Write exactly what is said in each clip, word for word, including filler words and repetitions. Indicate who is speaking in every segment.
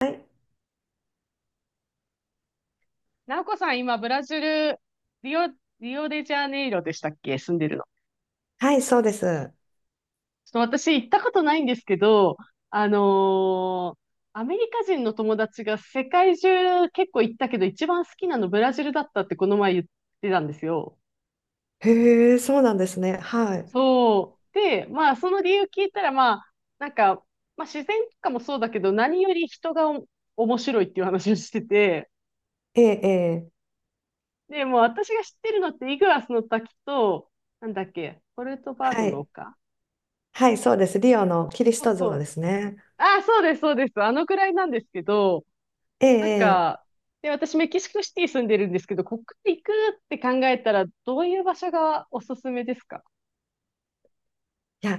Speaker 1: はい
Speaker 2: なおこさん、今、ブラジル、リオ、リオデジャネイロでしたっけ、住んでるの？
Speaker 1: はい、そうです。
Speaker 2: ちょっと私、行ったことないんですけど、あのーアメリカ人の友達が世界中結構行ったけど、一番好きなのブラジルだったってこの前言ってたんですよ。
Speaker 1: へえ、そうなんですね。はい。
Speaker 2: そう。で、まあ、その理由聞いたら、まあ、なんか、まあ、自然とかもそうだけど、何より人がお面白いっていう話をしてて、
Speaker 1: ええ、ええ、
Speaker 2: で、もう私が知ってるのって、イグアスの滝と、なんだっけ、ポルトバード
Speaker 1: は
Speaker 2: の
Speaker 1: い。
Speaker 2: 丘。
Speaker 1: はい、そうです。リオのキリス
Speaker 2: そう
Speaker 1: ト
Speaker 2: そ
Speaker 1: 像で
Speaker 2: う。
Speaker 1: すね。
Speaker 2: あ、そうです、そうです。あのくらいなんですけど、
Speaker 1: え
Speaker 2: なん
Speaker 1: え、ええ、
Speaker 2: か、で、私メキシコシティ住んでるんですけど、ここから行くって考えたら、どういう場所がおすすめですか？
Speaker 1: いや、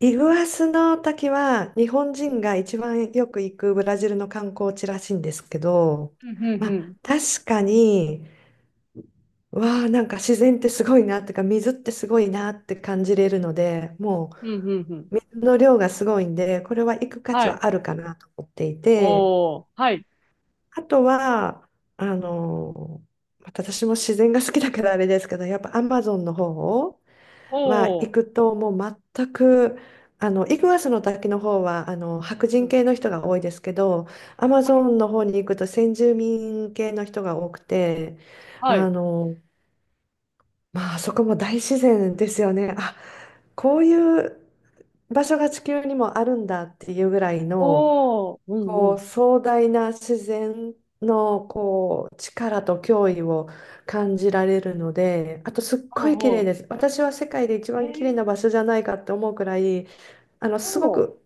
Speaker 1: イグアスの滝は日本人が一番よく行くブラジルの観光地らしいんですけど、
Speaker 2: うんうん
Speaker 1: まあ、
Speaker 2: うん。
Speaker 1: 確かに、わあ、なんか自然ってすごいなってか、水ってすごいなって感じれるので、も
Speaker 2: うんうんうん。
Speaker 1: う水の量がすごいんで、これは行く価値
Speaker 2: はい。
Speaker 1: はあるかなと思っていて、
Speaker 2: おー、はい。
Speaker 1: あとは、あの、また私も自然が好きだからあれですけど、やっぱアマゾンの方は
Speaker 2: お
Speaker 1: 行
Speaker 2: ー、
Speaker 1: くともう全く、あの、イグアスの滝の方は、あの、白
Speaker 2: う
Speaker 1: 人
Speaker 2: ん。
Speaker 1: 系の人が多いですけど、アマ
Speaker 2: は
Speaker 1: ゾ
Speaker 2: い。
Speaker 1: ンの方に行くと先住民系の人が多くて、
Speaker 2: は
Speaker 1: あ
Speaker 2: い。
Speaker 1: の、まあ、あそこも大自然ですよね。あ、こういう場所が地球にもあるんだっていうぐらいの、
Speaker 2: おー、うんう
Speaker 1: こう
Speaker 2: ん。
Speaker 1: 壮大な自然のこう力と脅威を感じられるので、あとすっ
Speaker 2: お
Speaker 1: ごい綺麗
Speaker 2: ー、
Speaker 1: です。私は世界で一
Speaker 2: へ
Speaker 1: 番綺麗
Speaker 2: え、
Speaker 1: な場所じゃないかって思うくらい、あのすご
Speaker 2: おー、
Speaker 1: く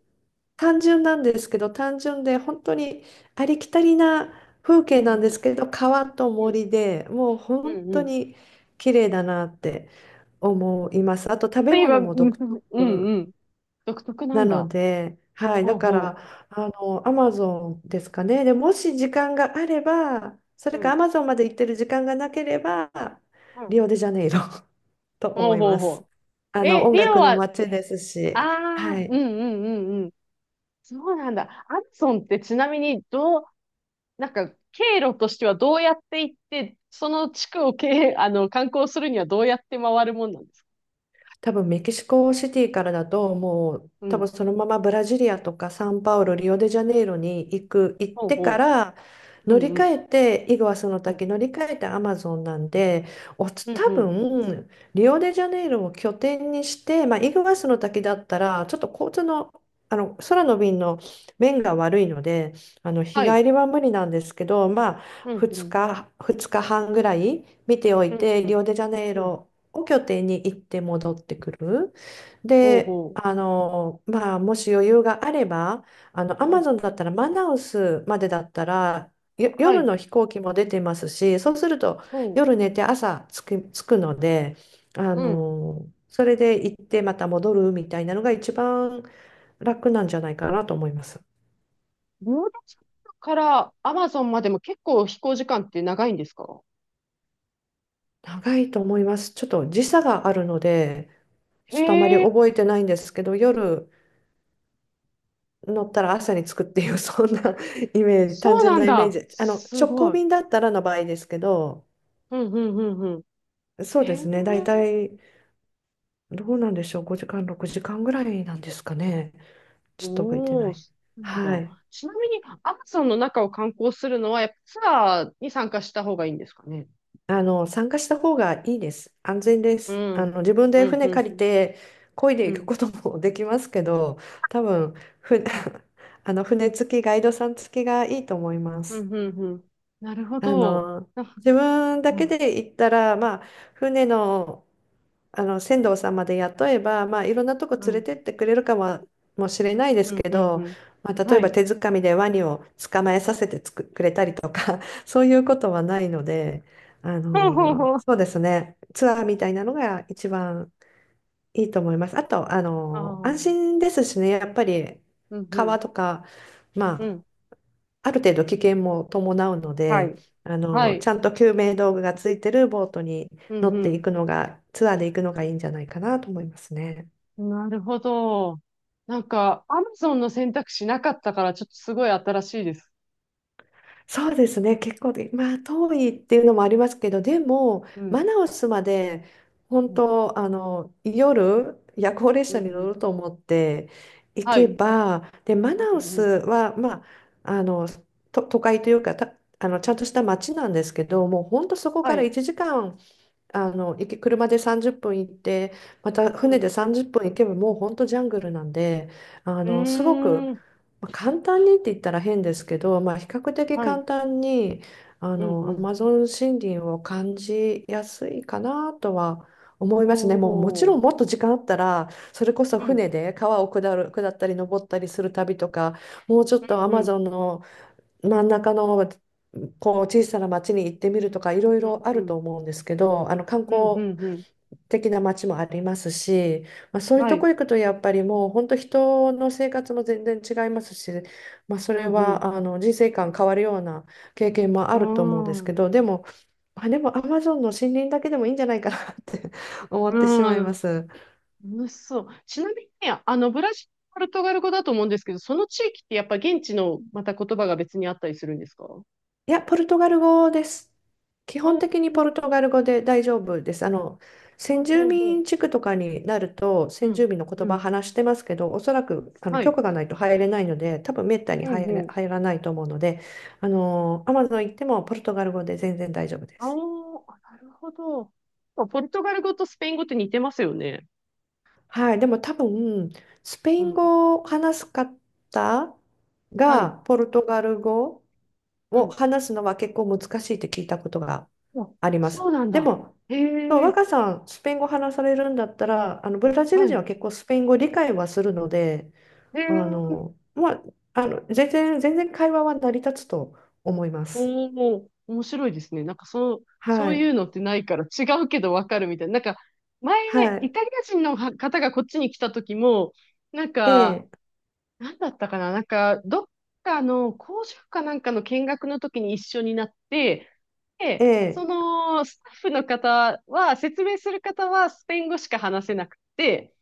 Speaker 1: 単純なんですけど、単純で本当にありきたりな風景
Speaker 2: うんう
Speaker 1: なんで
Speaker 2: ん。
Speaker 1: すけど、川と
Speaker 2: うん
Speaker 1: 森でもう
Speaker 2: う
Speaker 1: 本
Speaker 2: んう
Speaker 1: 当
Speaker 2: ん。
Speaker 1: に綺麗だなって思います。あと食べ
Speaker 2: 今、
Speaker 1: 物
Speaker 2: う
Speaker 1: も独
Speaker 2: んうん
Speaker 1: 特
Speaker 2: うん。独特な
Speaker 1: な
Speaker 2: ん
Speaker 1: の
Speaker 2: だ。
Speaker 1: で、はい、
Speaker 2: ほ
Speaker 1: だ
Speaker 2: う
Speaker 1: か
Speaker 2: ほ
Speaker 1: ら、あの、アマゾンですかね。で、もし時間があれば、そ
Speaker 2: う。
Speaker 1: れ
Speaker 2: う
Speaker 1: かア
Speaker 2: ん。
Speaker 1: マゾンまで行ってる時間がなければ、
Speaker 2: うん。
Speaker 1: リオデジャネイロ と
Speaker 2: ほ
Speaker 1: 思
Speaker 2: う
Speaker 1: い
Speaker 2: ほう
Speaker 1: ます。
Speaker 2: ほ
Speaker 1: あ
Speaker 2: う。
Speaker 1: の、
Speaker 2: え、
Speaker 1: 音
Speaker 2: リオ
Speaker 1: 楽の
Speaker 2: は？
Speaker 1: 街です
Speaker 2: あ
Speaker 1: し、は
Speaker 2: あ、うん
Speaker 1: い。
Speaker 2: うんうんうん。そうなんだ。アマゾンってちなみにどう、なんか経路としてはどうやって行って、その地区を経、あの、観光するにはどうやって回るもんなんですか？
Speaker 1: 多分メキシコシティからだともう
Speaker 2: う
Speaker 1: 多分
Speaker 2: ん。
Speaker 1: そのままブラジリアとかサンパウロ、リオデジャネイロに行く、行っ
Speaker 2: ほう
Speaker 1: てか
Speaker 2: ほ
Speaker 1: ら
Speaker 2: う。う
Speaker 1: 乗
Speaker 2: ん
Speaker 1: り
Speaker 2: う
Speaker 1: 換
Speaker 2: ん。
Speaker 1: えてイグアスの
Speaker 2: うん
Speaker 1: 滝乗り換えてアマゾンなんで、お
Speaker 2: う
Speaker 1: つ
Speaker 2: ん
Speaker 1: 多
Speaker 2: うん。
Speaker 1: 分リオデジャネイロを拠点にして、まあ、イグアスの滝だったらちょっと交通の、あの空の便の便が悪いので、あの日
Speaker 2: はい。
Speaker 1: 帰りは無理なんですけど、まあ、
Speaker 2: うんう
Speaker 1: 2
Speaker 2: ん。
Speaker 1: 日、ふつかはんぐらい見てお
Speaker 2: う
Speaker 1: い
Speaker 2: ん
Speaker 1: て
Speaker 2: う
Speaker 1: リ
Speaker 2: ん
Speaker 1: オデジャネイ
Speaker 2: うん。
Speaker 1: ロを拠点に行って戻ってくる。
Speaker 2: ほう
Speaker 1: で、
Speaker 2: ほ
Speaker 1: あの、まあ、もし余裕があれば、あの、ア
Speaker 2: う。う
Speaker 1: マ
Speaker 2: ん。
Speaker 1: ゾンだったらマナウスまでだったら、よ
Speaker 2: は
Speaker 1: 夜
Speaker 2: い。
Speaker 1: の飛行機も出てますし、そうすると
Speaker 2: ほ
Speaker 1: 夜寝て朝着く、着くので、あ
Speaker 2: う。うん。
Speaker 1: の、それで行ってまた戻るみたいなのが一番楽なんじゃないかなと思います。
Speaker 2: ボードチャンからアマゾンまでも結構飛行時間って長いんですか？
Speaker 1: 長いと思います。ちょっと時差があるので、ちょっとあまり
Speaker 2: へえ、
Speaker 1: 覚えてないんですけど、夜乗ったら朝に着くっていう、そんな イメージ、単
Speaker 2: そう
Speaker 1: 純
Speaker 2: なん
Speaker 1: なイメー
Speaker 2: だ。
Speaker 1: ジ。あの、
Speaker 2: す
Speaker 1: 直行
Speaker 2: ごい。
Speaker 1: 便だったらの場合ですけど、
Speaker 2: うんうんうん。
Speaker 1: そう
Speaker 2: へ
Speaker 1: で
Speaker 2: え、
Speaker 1: すね、大体、どうなんでしょう、ごじかん、ろくじかんぐらいなんですかね。ちょっと覚えて
Speaker 2: お
Speaker 1: な
Speaker 2: ー、
Speaker 1: い。
Speaker 2: そうなんだ。
Speaker 1: はい。
Speaker 2: ちなみに、アマゾンの中を観光するのは、やっぱツアーに参加した方がいいんですかね？
Speaker 1: あの、参加した方がいいです。安全で
Speaker 2: う
Speaker 1: す。あ
Speaker 2: ん。
Speaker 1: の、自分
Speaker 2: う
Speaker 1: で
Speaker 2: ん、
Speaker 1: 船
Speaker 2: うん、
Speaker 1: 借
Speaker 2: う
Speaker 1: り
Speaker 2: ん。
Speaker 1: て、漕いで
Speaker 2: う
Speaker 1: いく
Speaker 2: ん、
Speaker 1: ことも できますけど、多分、ふ、あの、船付き、ガイドさん付きがいいと思いま
Speaker 2: う
Speaker 1: す。
Speaker 2: ん、うん。なるほ
Speaker 1: あ
Speaker 2: ど。
Speaker 1: の、
Speaker 2: あ、
Speaker 1: 自分だ
Speaker 2: う
Speaker 1: け
Speaker 2: ん、
Speaker 1: で行ったら、まあ、船の、あの船頭さんまで雇えば、まあ、いろんなとこ
Speaker 2: う
Speaker 1: 連れ
Speaker 2: ん、
Speaker 1: てってくれるかも、もしれないです
Speaker 2: うん、
Speaker 1: け
Speaker 2: うん。う
Speaker 1: ど、
Speaker 2: ん、
Speaker 1: まあ、例
Speaker 2: は
Speaker 1: えば
Speaker 2: い。
Speaker 1: 手づかみでワニを捕まえさせてつく、くれたりとか そういうことはないので、あ
Speaker 2: ほうほう
Speaker 1: の、
Speaker 2: ほう。
Speaker 1: そうですね、ツアーみたいなのが一番いいと思います。あと、あ
Speaker 2: ああ、
Speaker 1: の、
Speaker 2: う
Speaker 1: 安
Speaker 2: ん、
Speaker 1: 心ですしね、やっぱり
Speaker 2: う
Speaker 1: 川
Speaker 2: ん、
Speaker 1: とか、ま
Speaker 2: う
Speaker 1: あ、
Speaker 2: ん。
Speaker 1: ある程度危険も伴うの
Speaker 2: は
Speaker 1: で、
Speaker 2: い。
Speaker 1: あ
Speaker 2: は
Speaker 1: の、ち
Speaker 2: い。
Speaker 1: ゃんと救命道具がついてるボートに
Speaker 2: う
Speaker 1: 乗ってい
Speaker 2: ん、
Speaker 1: くのが、ツアーで行くのがいいんじゃないかなと思いますね。
Speaker 2: うん。なるほど。なんか、アマゾンの選択肢なかったから、ちょっとすごい新しいです。
Speaker 1: そうですね、結構で、まあ、遠いっていうのもありますけど、でも、
Speaker 2: う
Speaker 1: マ
Speaker 2: ん、
Speaker 1: ナウスまで、
Speaker 2: う
Speaker 1: 本
Speaker 2: ん、
Speaker 1: 当、あの、夜、夜行列
Speaker 2: うん。う
Speaker 1: 車に
Speaker 2: ん、
Speaker 1: 乗ると思って行
Speaker 2: は
Speaker 1: け
Speaker 2: い。
Speaker 1: ば、で、マ
Speaker 2: うん
Speaker 1: ナウ
Speaker 2: う
Speaker 1: ス
Speaker 2: ん。
Speaker 1: は、まあ、あの、と、都会というか、た、あの、ちゃんとした街なんですけど、もう本当そこ
Speaker 2: は
Speaker 1: から
Speaker 2: い。
Speaker 1: いちじかん、あの、行き車でさんじゅっぷん行って、また
Speaker 2: う
Speaker 1: 船
Speaker 2: ん。
Speaker 1: でさんじゅっぷん行けばもう本当ジャングルなんで、あ
Speaker 2: う
Speaker 1: の、すごく、
Speaker 2: ーん。
Speaker 1: まあ、簡単にって言ったら変ですけど、まあ、比較的
Speaker 2: はい。
Speaker 1: 簡単に、あ
Speaker 2: うん
Speaker 1: の、
Speaker 2: う
Speaker 1: ア
Speaker 2: ん。
Speaker 1: マゾン森林を感じやすいかなとは思いますね。もうもち
Speaker 2: ほ
Speaker 1: ろんも
Speaker 2: う。
Speaker 1: っと時間あったら、それこそ
Speaker 2: うん。
Speaker 1: 船で川を下る、下ったり登ったりする旅とか、もうちょっ
Speaker 2: うん
Speaker 1: とアマ
Speaker 2: うん。
Speaker 1: ゾンの真ん中のこう小さな町に行ってみるとかいろい
Speaker 2: うん
Speaker 1: ろあ
Speaker 2: う
Speaker 1: る
Speaker 2: ん。
Speaker 1: と思うんですけど、あの観
Speaker 2: うんう
Speaker 1: 光
Speaker 2: んうん。
Speaker 1: 的な町もありますし、まあ、そういう
Speaker 2: は
Speaker 1: とこ
Speaker 2: い。
Speaker 1: 行くとやっぱりもう本当人の生活も全然違いますし、まあ、そ
Speaker 2: う
Speaker 1: れ
Speaker 2: んうん。
Speaker 1: はあの人生観変わるような経験も
Speaker 2: う
Speaker 1: あ
Speaker 2: ー
Speaker 1: ると思うんですけ
Speaker 2: ん。
Speaker 1: ど、でも、あ、でもアマゾンの森林だけでもいいんじゃないかなって 思
Speaker 2: う
Speaker 1: ってしまい
Speaker 2: ー
Speaker 1: ま
Speaker 2: ん。
Speaker 1: す。
Speaker 2: 楽しそう。ちなみにね、あの、ブラジル、ポルトガル語だと思うんですけど、その地域ってやっぱ現地のまた言葉が別にあったりするんですか？うん。
Speaker 1: いや、ポルトガル語です。基本的に
Speaker 2: う
Speaker 1: ポル
Speaker 2: ん
Speaker 1: トガル語で大丈夫です。あの、
Speaker 2: う
Speaker 1: 先
Speaker 2: ん
Speaker 1: 住
Speaker 2: うん
Speaker 1: 民地区とかになると、
Speaker 2: う
Speaker 1: 先住
Speaker 2: ん。
Speaker 1: 民の言
Speaker 2: う
Speaker 1: 葉
Speaker 2: ん。
Speaker 1: 話してますけど、おそらくあの
Speaker 2: は
Speaker 1: 許
Speaker 2: い。
Speaker 1: 可がないと入れないので、多分めったに
Speaker 2: うん
Speaker 1: 入
Speaker 2: う
Speaker 1: れ、
Speaker 2: ん。
Speaker 1: 入らないと思うので、あの、アマゾン行ってもポルトガル語で全然大丈夫で
Speaker 2: あー
Speaker 1: す。
Speaker 2: あ、なるほど。ポルトガル語とスペイン語って似てますよね。
Speaker 1: はい、でも多分、スペイ
Speaker 2: う
Speaker 1: ン
Speaker 2: ん。
Speaker 1: 語を話す方
Speaker 2: はい。
Speaker 1: が、ポルトガル語
Speaker 2: う
Speaker 1: を
Speaker 2: ん。
Speaker 1: 話すのは結構難しいって聞いたことが
Speaker 2: あ、
Speaker 1: ありま
Speaker 2: そ
Speaker 1: す。
Speaker 2: うなん
Speaker 1: で
Speaker 2: だ。
Speaker 1: も、
Speaker 2: へ
Speaker 1: そう
Speaker 2: え、
Speaker 1: 若さん、スペイン語話されるんだったら、あのブラジル
Speaker 2: は
Speaker 1: 人は
Speaker 2: い。
Speaker 1: 結構スペイン語理解はするので、
Speaker 2: へ
Speaker 1: あ
Speaker 2: え、
Speaker 1: の、まあ、あの全然、全然会話は成り立つと思います。
Speaker 2: おお、面白いですね。なんかそう、そ
Speaker 1: は
Speaker 2: うい
Speaker 1: い。
Speaker 2: うのってないから違うけどわかるみたいな。なんか、前、
Speaker 1: は
Speaker 2: イ
Speaker 1: い。
Speaker 2: タリア人の方がこっちに来た時も、なん
Speaker 1: え
Speaker 2: か、
Speaker 1: え、
Speaker 2: なんだったかな。なんか、どっかの工場かなんかの見学の時に一緒になって、
Speaker 1: え
Speaker 2: で、そ
Speaker 1: え、
Speaker 2: のスタッフの方は、説明する方はスペイン語しか話せなくて、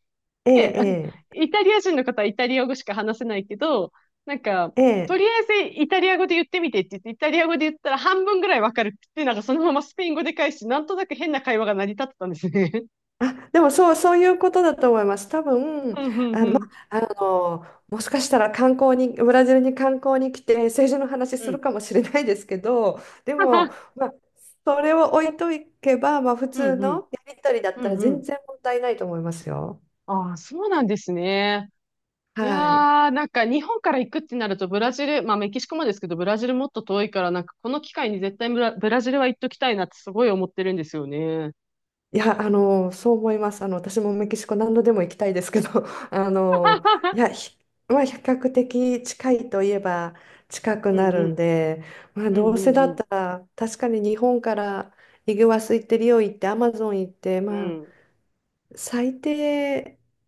Speaker 1: え
Speaker 2: で、
Speaker 1: え、
Speaker 2: イタリア人の方はイタリア語しか話せないけど、なんか、
Speaker 1: ええ、
Speaker 2: と
Speaker 1: え
Speaker 2: りあ
Speaker 1: え。
Speaker 2: えずイタリア語で言ってみてって言って、イタリア語で言ったら半分ぐらいわかるって、なんかそのままスペイン語で返し、なんとなく変な会話が成り立ってたんですね。
Speaker 1: あ、でもそう、そういうことだと思います。多 分、
Speaker 2: うんうん
Speaker 1: あ、
Speaker 2: う
Speaker 1: ま
Speaker 2: ん。
Speaker 1: あ、あの、もしかしたら観光に、ブラジルに観光に来て政治の話
Speaker 2: う
Speaker 1: する
Speaker 2: ん。
Speaker 1: かもしれないですけど、で
Speaker 2: は
Speaker 1: も、
Speaker 2: は。
Speaker 1: まあ、それを置いといけば、まあ、普
Speaker 2: う
Speaker 1: 通
Speaker 2: んう
Speaker 1: の
Speaker 2: ん。
Speaker 1: やりとりだっ
Speaker 2: う
Speaker 1: たら
Speaker 2: んう
Speaker 1: 全
Speaker 2: ん。
Speaker 1: 然問題ないと思いますよ。
Speaker 2: ああ、そうなんですね。い
Speaker 1: はい。
Speaker 2: やー、なんか日本から行くってなるとブラジル、まあメキシコもですけど、ブラジルもっと遠いから、なんかこの機会に絶対ブラ、ブラジルは行っときたいなってすごい思ってるんですよね。
Speaker 1: いや、あの、そう思います。あの、私もメキシコ何度でも行きたいですけど、あの、いや、ひまあ、比較的近いといえば近く
Speaker 2: う
Speaker 1: な
Speaker 2: んう
Speaker 1: るん
Speaker 2: ん。
Speaker 1: で、まあ、
Speaker 2: う
Speaker 1: ど
Speaker 2: ん
Speaker 1: う
Speaker 2: う
Speaker 1: せ
Speaker 2: ん
Speaker 1: だ
Speaker 2: う
Speaker 1: っ
Speaker 2: ん。
Speaker 1: たら、確かに日本からイグアス行ってリオ行ってアマゾン行って、
Speaker 2: う
Speaker 1: まあ、
Speaker 2: ん、
Speaker 1: 最低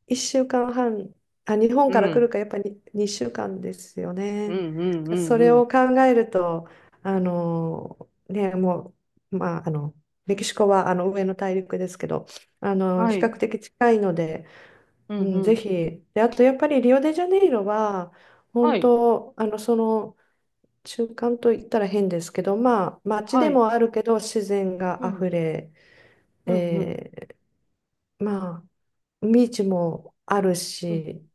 Speaker 1: いっしゅうかんはん、あ、日本
Speaker 2: う
Speaker 1: から来る
Speaker 2: ん、
Speaker 1: かやっぱりにしゅうかんですよ
Speaker 2: う
Speaker 1: ね。
Speaker 2: ん、うん、うん、
Speaker 1: そ
Speaker 2: う
Speaker 1: れ
Speaker 2: ん。
Speaker 1: を考えると、あの、ね、もう、まあ、あの、メキシコはあの上の大陸ですけど、あの、
Speaker 2: は
Speaker 1: 比
Speaker 2: い、
Speaker 1: 較的近いので、
Speaker 2: うん、
Speaker 1: うん、
Speaker 2: う
Speaker 1: ぜ
Speaker 2: ん、
Speaker 1: ひ。で、あとやっぱりリオデジャネイロは、
Speaker 2: は
Speaker 1: 本
Speaker 2: い、
Speaker 1: 当、あの、その、中間と言ったら変ですけど、まあ、街
Speaker 2: は
Speaker 1: で
Speaker 2: い、
Speaker 1: もあるけど、自然
Speaker 2: う
Speaker 1: があ
Speaker 2: ん、
Speaker 1: ふれ、
Speaker 2: うん、うん、
Speaker 1: えーまあ、ビーチもある
Speaker 2: うん、
Speaker 1: し、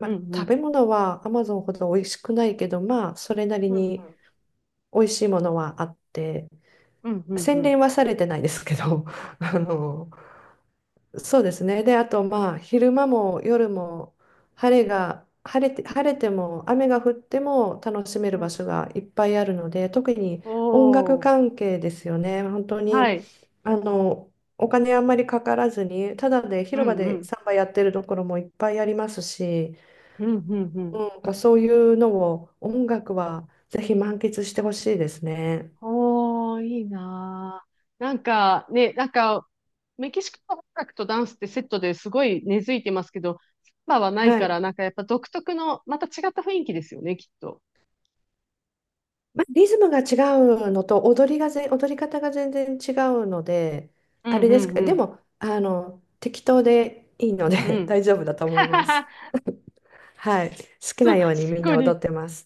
Speaker 2: うん、
Speaker 1: あ、
Speaker 2: う
Speaker 1: 食べ
Speaker 2: ん、
Speaker 1: 物はアマゾンほど美味しくないけど、まあ、それなり
Speaker 2: うん、
Speaker 1: に美味しいものはあって、
Speaker 2: うん、うん、う
Speaker 1: 洗
Speaker 2: ん、
Speaker 1: 練はされてないですけど、あの、そうですね。で、あとまあ昼間も夜も晴れが晴れて、晴れても雨が降っても楽しめる
Speaker 2: う
Speaker 1: 場
Speaker 2: ん、
Speaker 1: 所がいっぱいあるので、特に音楽
Speaker 2: おー、
Speaker 1: 関係ですよね。本当
Speaker 2: は
Speaker 1: に
Speaker 2: い、
Speaker 1: あのお金あんまりかからずに、ただで
Speaker 2: う
Speaker 1: 広場
Speaker 2: ん、う
Speaker 1: で
Speaker 2: ん、
Speaker 1: サンバやってるところもいっぱいありますし、
Speaker 2: うん、うん、う
Speaker 1: う
Speaker 2: ん。
Speaker 1: ん、なんかそういうのを音楽はぜひ満喫してほしいですね。
Speaker 2: おー、いいなー。なんか、ね、なんか、メキシコの音楽とダンスってセットですごい根付いてますけど、サンバはない
Speaker 1: は
Speaker 2: から、
Speaker 1: い。
Speaker 2: なんかやっぱ独特の、また違った雰囲気ですよね、きっと。
Speaker 1: まあ、リズムが違うのと踊りがぜ、踊り方が全然違うので、
Speaker 2: うん、
Speaker 1: あれ
Speaker 2: う
Speaker 1: です
Speaker 2: ん、
Speaker 1: けど、
Speaker 2: う
Speaker 1: で
Speaker 2: ん、
Speaker 1: も、あの、適当でいいの
Speaker 2: う
Speaker 1: で
Speaker 2: ん。
Speaker 1: 大丈夫だと思います。はい。好 き
Speaker 2: そ
Speaker 1: な
Speaker 2: う、
Speaker 1: ように
Speaker 2: す
Speaker 1: みん
Speaker 2: ごい
Speaker 1: な
Speaker 2: ね。
Speaker 1: 踊ってます。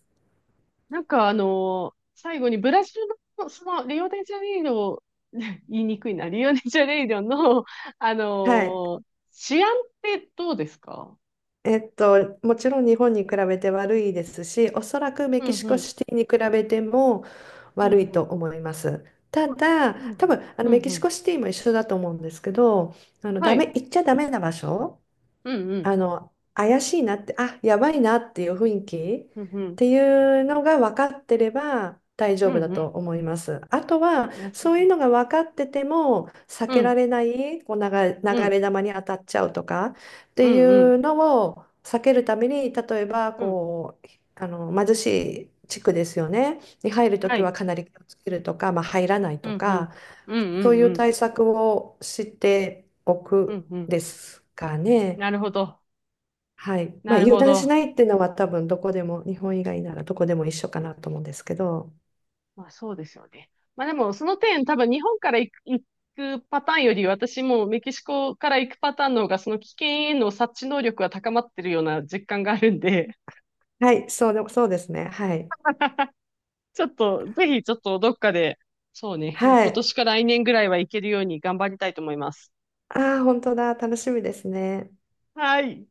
Speaker 2: なんかあの最後にブラジルの、その、リオデジャネイロ、言いにくいな、リオデジャネイロの、あ
Speaker 1: はい。
Speaker 2: の治安ってどうですか？
Speaker 1: えっと、もちろん日本に比べて悪いですし、おそらくメ
Speaker 2: うん
Speaker 1: キシ
Speaker 2: う
Speaker 1: コ
Speaker 2: ん、
Speaker 1: シティに比べても
Speaker 2: うん
Speaker 1: 悪い
Speaker 2: う
Speaker 1: と
Speaker 2: ん、
Speaker 1: 思います。ただ、
Speaker 2: う
Speaker 1: 多
Speaker 2: ん
Speaker 1: 分、あの
Speaker 2: うん、
Speaker 1: メキ
Speaker 2: う
Speaker 1: シコ
Speaker 2: ん。
Speaker 1: シティも一緒だと思うんですけど、あの、
Speaker 2: は
Speaker 1: ダメ、
Speaker 2: い、
Speaker 1: 行っちゃダメな場所、
Speaker 2: うんうん、
Speaker 1: あの、怪しいなって、あ、やばいなっていう雰囲気
Speaker 2: うんう
Speaker 1: っ
Speaker 2: ん、
Speaker 1: ていうのが分かってれば大
Speaker 2: う
Speaker 1: 丈
Speaker 2: ん
Speaker 1: 夫だ
Speaker 2: う
Speaker 1: と
Speaker 2: ん、
Speaker 1: 思います。あとは、
Speaker 2: なるほ
Speaker 1: そういう
Speaker 2: ど。
Speaker 1: のが分かってても、避
Speaker 2: う
Speaker 1: けら
Speaker 2: ん、
Speaker 1: れない、こう流れ、
Speaker 2: う
Speaker 1: 流
Speaker 2: ん、
Speaker 1: れ弾に当たっちゃうとかっ
Speaker 2: う
Speaker 1: てい
Speaker 2: ん、うん、
Speaker 1: うのを避けるために、例えば、
Speaker 2: うん、
Speaker 1: こう、あの、貧しい地区ですよね。に入ると
Speaker 2: は
Speaker 1: きは
Speaker 2: い、
Speaker 1: かなり気をつけるとか、まあ、入らない
Speaker 2: うん
Speaker 1: と
Speaker 2: うん、
Speaker 1: か、
Speaker 2: うん
Speaker 1: そ
Speaker 2: う
Speaker 1: う
Speaker 2: ん、
Speaker 1: い
Speaker 2: う
Speaker 1: う
Speaker 2: ん、
Speaker 1: 対策をしてお
Speaker 2: う
Speaker 1: く
Speaker 2: んうん、
Speaker 1: ですかね。
Speaker 2: なるほど、
Speaker 1: はい。ま
Speaker 2: な
Speaker 1: あ、
Speaker 2: る
Speaker 1: 油
Speaker 2: ほ
Speaker 1: 断し
Speaker 2: ど。
Speaker 1: ないっていうのは多分どこでも、日本以外ならどこでも一緒かなと思うんですけど。
Speaker 2: まあそうですよね。まあでもその点多分日本から行く、行くパターンより私もメキシコから行くパターンの方がその危険への察知能力が高まってるような実感があるんで、
Speaker 1: はい、そうで、そうですね。はい。
Speaker 2: ちょっとぜひちょっとどっかで、そうね、
Speaker 1: は
Speaker 2: 今
Speaker 1: い。
Speaker 2: 年か来年ぐらいは行けるように頑張りたいと思います。
Speaker 1: ああ、本当だ。楽しみですね。
Speaker 2: はい。